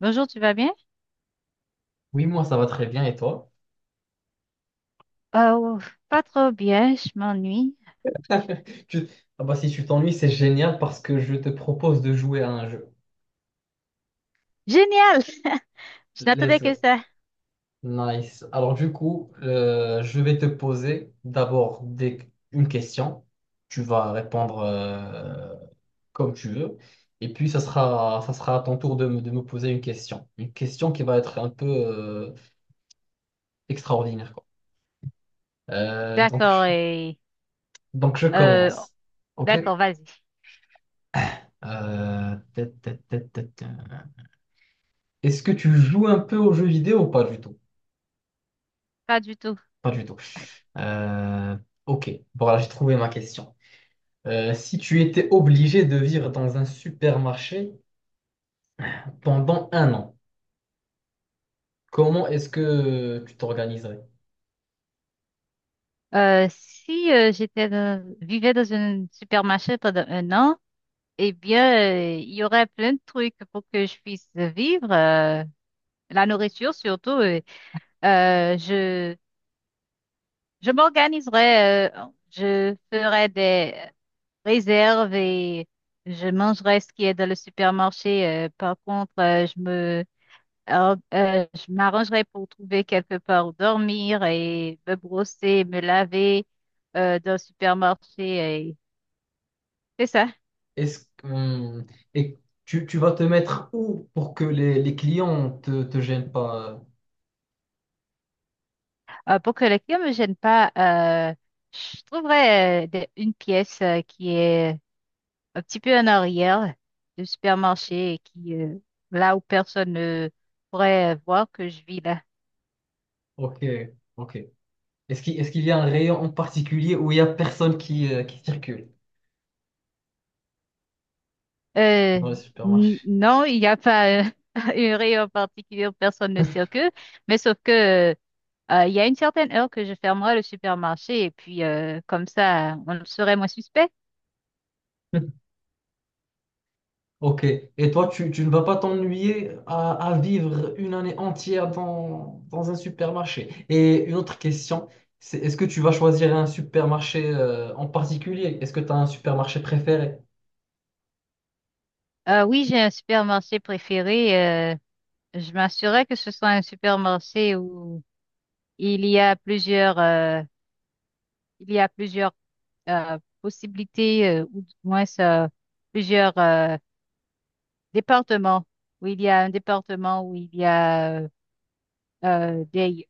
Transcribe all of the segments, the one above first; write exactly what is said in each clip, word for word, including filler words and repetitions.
Bonjour, tu vas bien? Oui, moi ça va très bien et toi? Oh, pas trop bien, je m'ennuie. Tu- Ah bah, si tu t'ennuies, c'est génial parce que je te propose de jouer à un jeu. Génial! Je n'attendais Let's go. que ça. Nice. Alors du coup, euh, je vais te poser d'abord des... une question. Tu vas répondre euh, comme tu veux. Et puis ça sera, ça sera à ton tour de me, de me poser une question. Une question qui va être un peu euh, extraordinaire, quoi. Euh, donc, D'accord, je... et donc je euh, commence. d'accord, OK? vas-y. Euh, Est-ce que tu joues un peu aux jeux vidéo ou pas du tout? Pas du tout. Pas du tout. Euh, ok, bon là j'ai trouvé ma question. Euh, si tu étais obligé de vivre dans un supermarché pendant un an, comment est-ce que tu t'organiserais? Euh, si euh, j'étais dans- vivais dans un supermarché pendant un an, eh bien, euh, il y aurait plein de trucs pour que je puisse vivre. Euh, la nourriture surtout. euh, euh, je je m'organiserais. Euh, je ferais des réserve et je mangerai ce qui est dans le supermarché. Euh, par contre, euh, je me, or- euh, je m'arrangerai pour trouver quelque part où dormir et me brosser, me laver euh, dans le supermarché. et C'est ça. Est-ce que, hum, et tu, tu vas te mettre où pour que les, les clients te, te gênent pas? Euh, pour que les clients ne me gênent pas, euh, je trouverai euh, des- une pièce euh, qui est un petit peu en arrière du supermarché et qui, euh, là où personne ne pourrait euh, voir que je vis là. Ok, ok. Est-ce qu'il, est-ce qu'il y a un rayon en particulier où il y a personne qui, euh, qui circule Euh, dans le n- supermarché? non, il n'y a pas euh, une rayon particulier où personne ne circule, mais sauf que euh, euh, il y a une certaine heure que je fermerai le supermarché et puis euh, comme ça, on serait moins suspect. Ok. Et toi, tu, tu ne vas pas t'ennuyer à, à vivre une année entière dans, dans un supermarché. Et une autre question, c'est est-ce que tu vas choisir un supermarché euh, en particulier? Est-ce que tu as un supermarché préféré? Euh, oui, j'ai un supermarché préféré. Euh, je m'assurerai que ce soit un supermarché où il y a plusieurs, euh, il y a plusieurs euh, possibilités euh, ou du moins euh, plusieurs euh, Département, où il y a un département où il y a euh, euh, des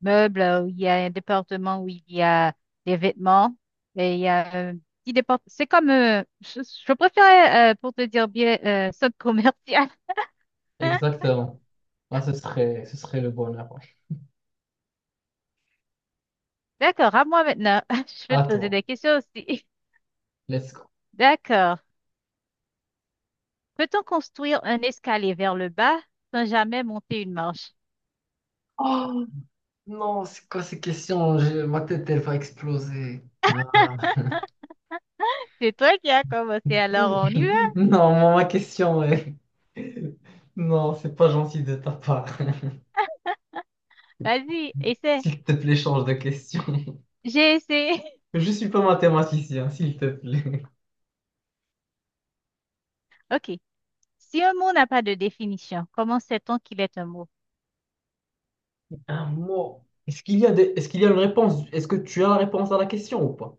meubles, où il y a un département où il y a des vêtements, et il y a un petit département. C'est comme, euh, je, je préférais, euh, pour te dire bien, euh, centre commercial. Exactement. Ah, ce serait, ce serait le bonheur. Ouais. D'accord, à moi maintenant. Je vais À te poser toi. des questions aussi. Let's go. D'accord. Peut-on construire un escalier vers le bas sans jamais monter une marche? Oh non, c'est quoi ces questions? J'ai- Ma tête, elle va exploser. Ah. C'est toi qui as commencé, alors on y va. Non, ma ma question, est... Non, c'est pas gentil de ta part. Vas-y, essaie. S'il te plaît, change de question. J'ai essayé. Je suis pas mathématicien, s'il te plaît. OK. Si un mot n'a pas de définition, comment sait-on qu'il est un mot? Un mot. Est-ce qu'il y a des... Est-ce qu'il y a une réponse? Est-ce que tu as la réponse à la question ou pas?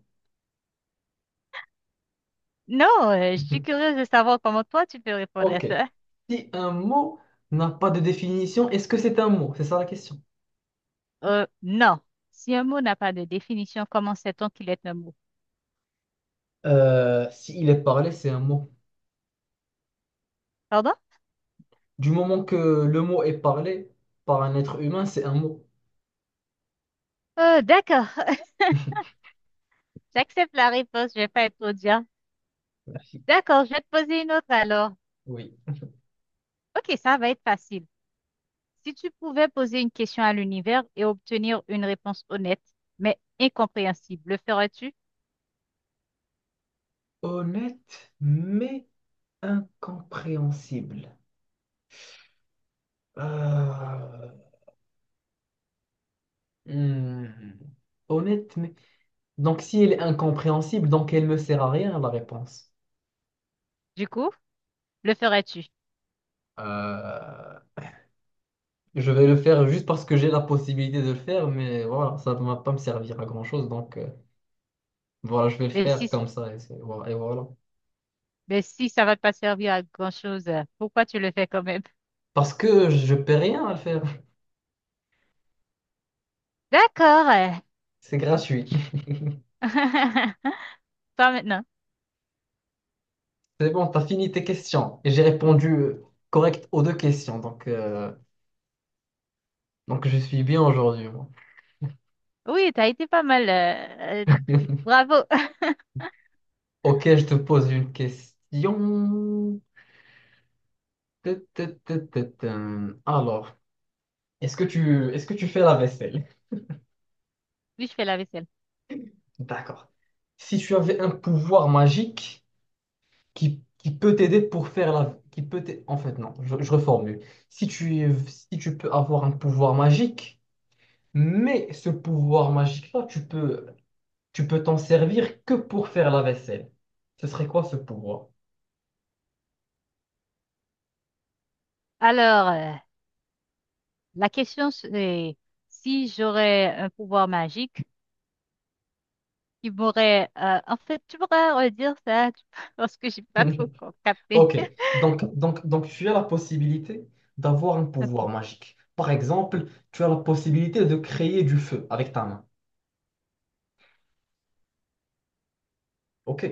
Non, euh, je suis curieuse de savoir comment toi tu peux répondre à Ok. ça. Si un mot n'a pas de définition, est-ce que c'est un mot? C'est ça la question. Euh, non. Si un mot n'a pas de définition, comment sait-on qu'il est un mot? Euh, s'il est parlé, c'est un mot. Pardon? Du moment que le mot est parlé par un être humain, c'est un mot. Euh, d'accord. J'accepte la réponse, je vais pas être trop Merci. D'accord, je vais te poser une autre alors. Oui. Ok, ça va être facile. Si tu pouvais poser une question à l'univers et obtenir une réponse honnête, mais incompréhensible, le ferais-tu? Honnête, mais incompréhensible. Euh, hmm. Honnête, mais... Donc, si elle est incompréhensible, donc elle me sert à rien, la réponse. Du coup, le ferais-tu? Euh, je vais le faire juste parce que j'ai la possibilité de le faire, mais voilà, ça ne va pas me servir à grand-chose. Donc, euh, voilà, je vais le Le faire si. comme ça. Et, c'est- voilà, et voilà. Mais si ça va pas servir à grand-chose, euh, pourquoi tu le fais quand même? Parce que je paie rien à le faire. D'accord. euh. C'est gratuit. Toi maintenant. C'est bon, t'as fini tes questions. Et j'ai répondu euh, correct aux deux questions. Donc, euh, donc je suis bien aujourd'hui, moi. Oui, t'as été pas mal. euh, euh, bravo. Ok, je te pose une question. Tut, tut, tut, tut, tum. Alors. Est-ce que tu, est-ce que tu fais la vaisselle? Oui, je fais la vaisselle. D'accord. Si tu avais un pouvoir magique qui, qui peut t'aider pour faire la... Qui peut t'ai- en fait, non, je, je reformule. Si tu, es- si tu peux avoir un pouvoir magique, mais ce pouvoir magique-là, tu peux, tu peux t'en servir que pour faire la vaisselle. Ce serait quoi ce pouvoir? Alors, euh, la question c'est si j'aurais un pouvoir magique qui m'aurait... euh, en fait, tu pourrais redire ça tu- parce que j'ai pas trop co- capté. Ok, donc, donc, donc tu as la possibilité d'avoir un Ok, pouvoir magique. Par exemple, tu as la possibilité de créer du feu avec ta main. Ok.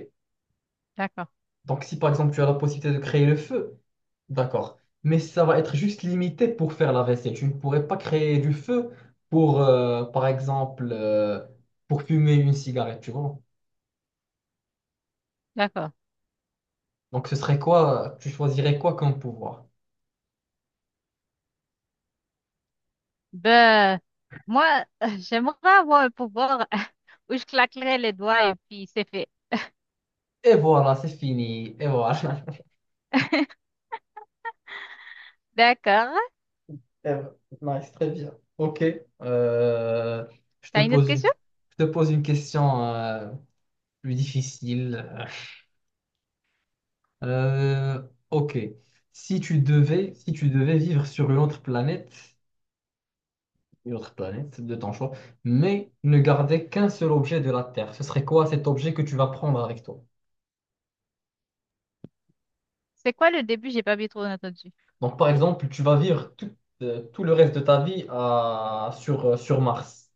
d'accord, Donc, si par exemple tu as la possibilité de créer le feu, d'accord. Mais ça va être juste limité pour faire la vaisselle. Tu ne pourrais pas créer du feu pour, euh, par exemple, euh, pour fumer une cigarette, tu vois. d'accord. Donc, ce serait quoi? Tu choisirais quoi comme pouvoir? Ben, moi, euh, j'aimerais avoir un pouvoir où je claquerais les doigts et puis c'est fait. Et voilà, c'est fini. Et voilà. D'accord. Et voilà. Nice, très bien. Ok. Euh, je te T'as une autre pose question? une, je te pose une question euh, plus difficile. Euh, ok. Si tu devais, si tu devais vivre sur une autre planète, une autre planète de ton choix, mais ne garder qu'un seul objet de la Terre, ce serait quoi cet objet que tu vas prendre avec toi? C'est quoi le début? J'ai pas bien trop entendu. Donc, par exemple, tu vas vivre tout, euh, tout le reste de ta vie à- sur, euh, sur Mars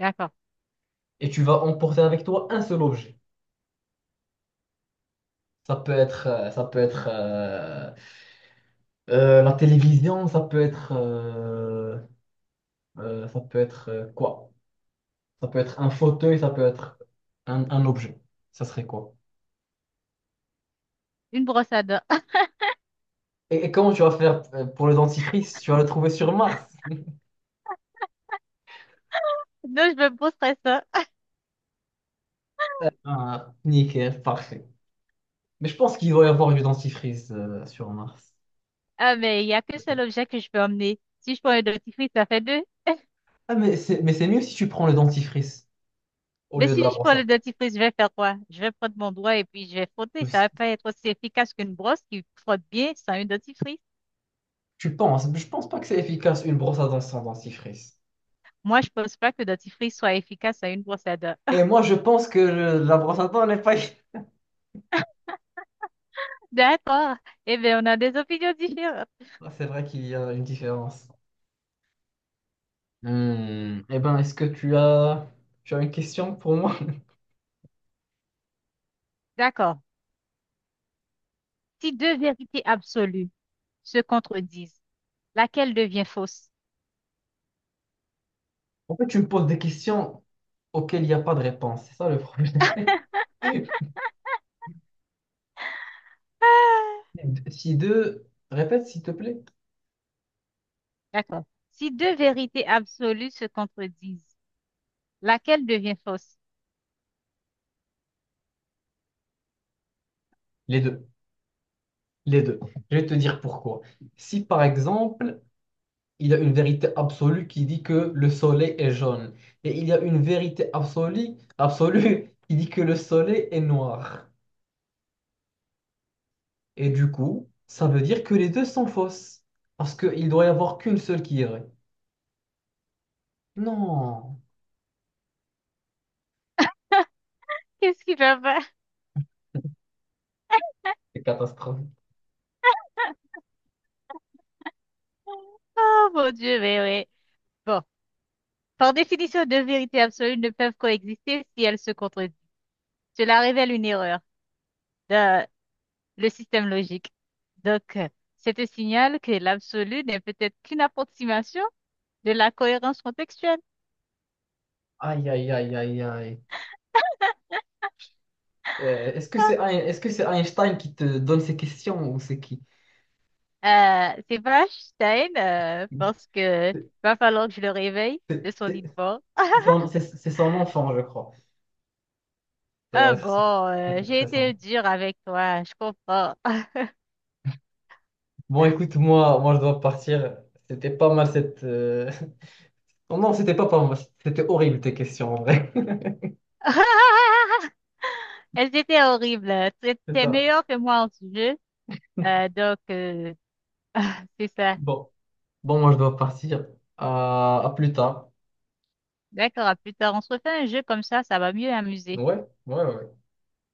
D'accord. et tu vas emporter avec toi un seul objet. Ça peut être, euh, ça peut être euh, euh, la télévision, ça peut être, euh, euh, ça peut être euh, quoi? Ça peut être un fauteuil, ça peut être un, un objet. Ça serait quoi? Une brosse à dents. Et, et comment tu vas faire euh, pour le dentifrice? Tu vas le trouver sur Mars. Non, je me poserai ça. Ah, nickel, parfait. Mais je pense qu'il doit y avoir du dentifrice euh, sur Mars. Ah, mais il y a qu'un seul objet que je peux emmener. Si je prends un dentifrice, ça fait deux. Ah, mais c'est, mais c'est mieux si tu prends le dentifrice au Mais lieu de si la je brosse prends le à dentifrice, je vais faire quoi? Je vais prendre mon doigt et puis je vais frotter. Ça dents. va pas être aussi efficace qu'une brosse qui frotte bien sans une dentifrice. Tu penses? Je pense pas que c'est efficace une brosse à dents sans dentifrice. Moi, je pense pas que le dentifrice soit efficace à une brosse à dents. Et moi, je pense que le- la brosse à dents n'est pas. D'accord. Eh bien, on a des opinions différentes. Ah, c'est vrai qu'il y a une différence. Hmm. Eh ben, est-ce que tu as, tu as une question pour moi? D'accord. Si deux vérités absolues se contredisent, laquelle devient fausse? En fait, tu me poses des questions auxquelles il n'y a pas de réponse. C'est ça le problème. Ah! Si deux, répète s'il te plaît. D'accord. Si deux vérités absolues se contredisent, laquelle devient fausse? Les deux. Les deux. Je vais te dire pourquoi. Si par exemple, il y a une vérité absolue qui dit que le soleil est jaune, et il y a une vérité absolue, absolue qui dit que le soleil est noir. Et du coup, ça veut dire que les deux sont fausses. Parce qu'il doit y avoir qu'une seule qui est vraie. Non, Qu'est-ce qui va pas? c'est catastrophique. Oh mon Dieu, mais oui. Bon, par définition, deux vérités absolues ne peuvent coexister si elles se contredisent. Cela révèle une erreur dans le système logique. Donc, euh, c'est un signal que l'absolu n'est peut-être qu'une approximation de la cohérence contextuelle. Aïe, aïe, aïe, aïe, aïe. Euh, est-ce que c'est Ein- est-ce que c'est Einstein qui te donne ces questions ou c'est qui? Ah, euh, c'est pas Einstein, euh, parce que C'est va falloir que je le réveille de c'est- son lit c'est de mort. c'est son, c'est- c'est son enfant, je crois. Ça doit Ah être ça. bon, Ça euh, doit j'ai être ça. été dure avec toi, je comprends. Bon, écoute, moi, moi, je dois partir. C'était pas mal cette. Euh, Non, non, c'était pas pas mal. C'était horrible tes questions, en vrai. Elles étaient horribles. C'est T'es ça. meilleur que moi en ce jeu. Euh, donc, euh, c'est ça. Bon, bon, moi, je dois partir. À, à plus tard. D'accord, à plus tard. On se refait un jeu comme ça, ça va mieux amuser. Ouais, ouais, ouais.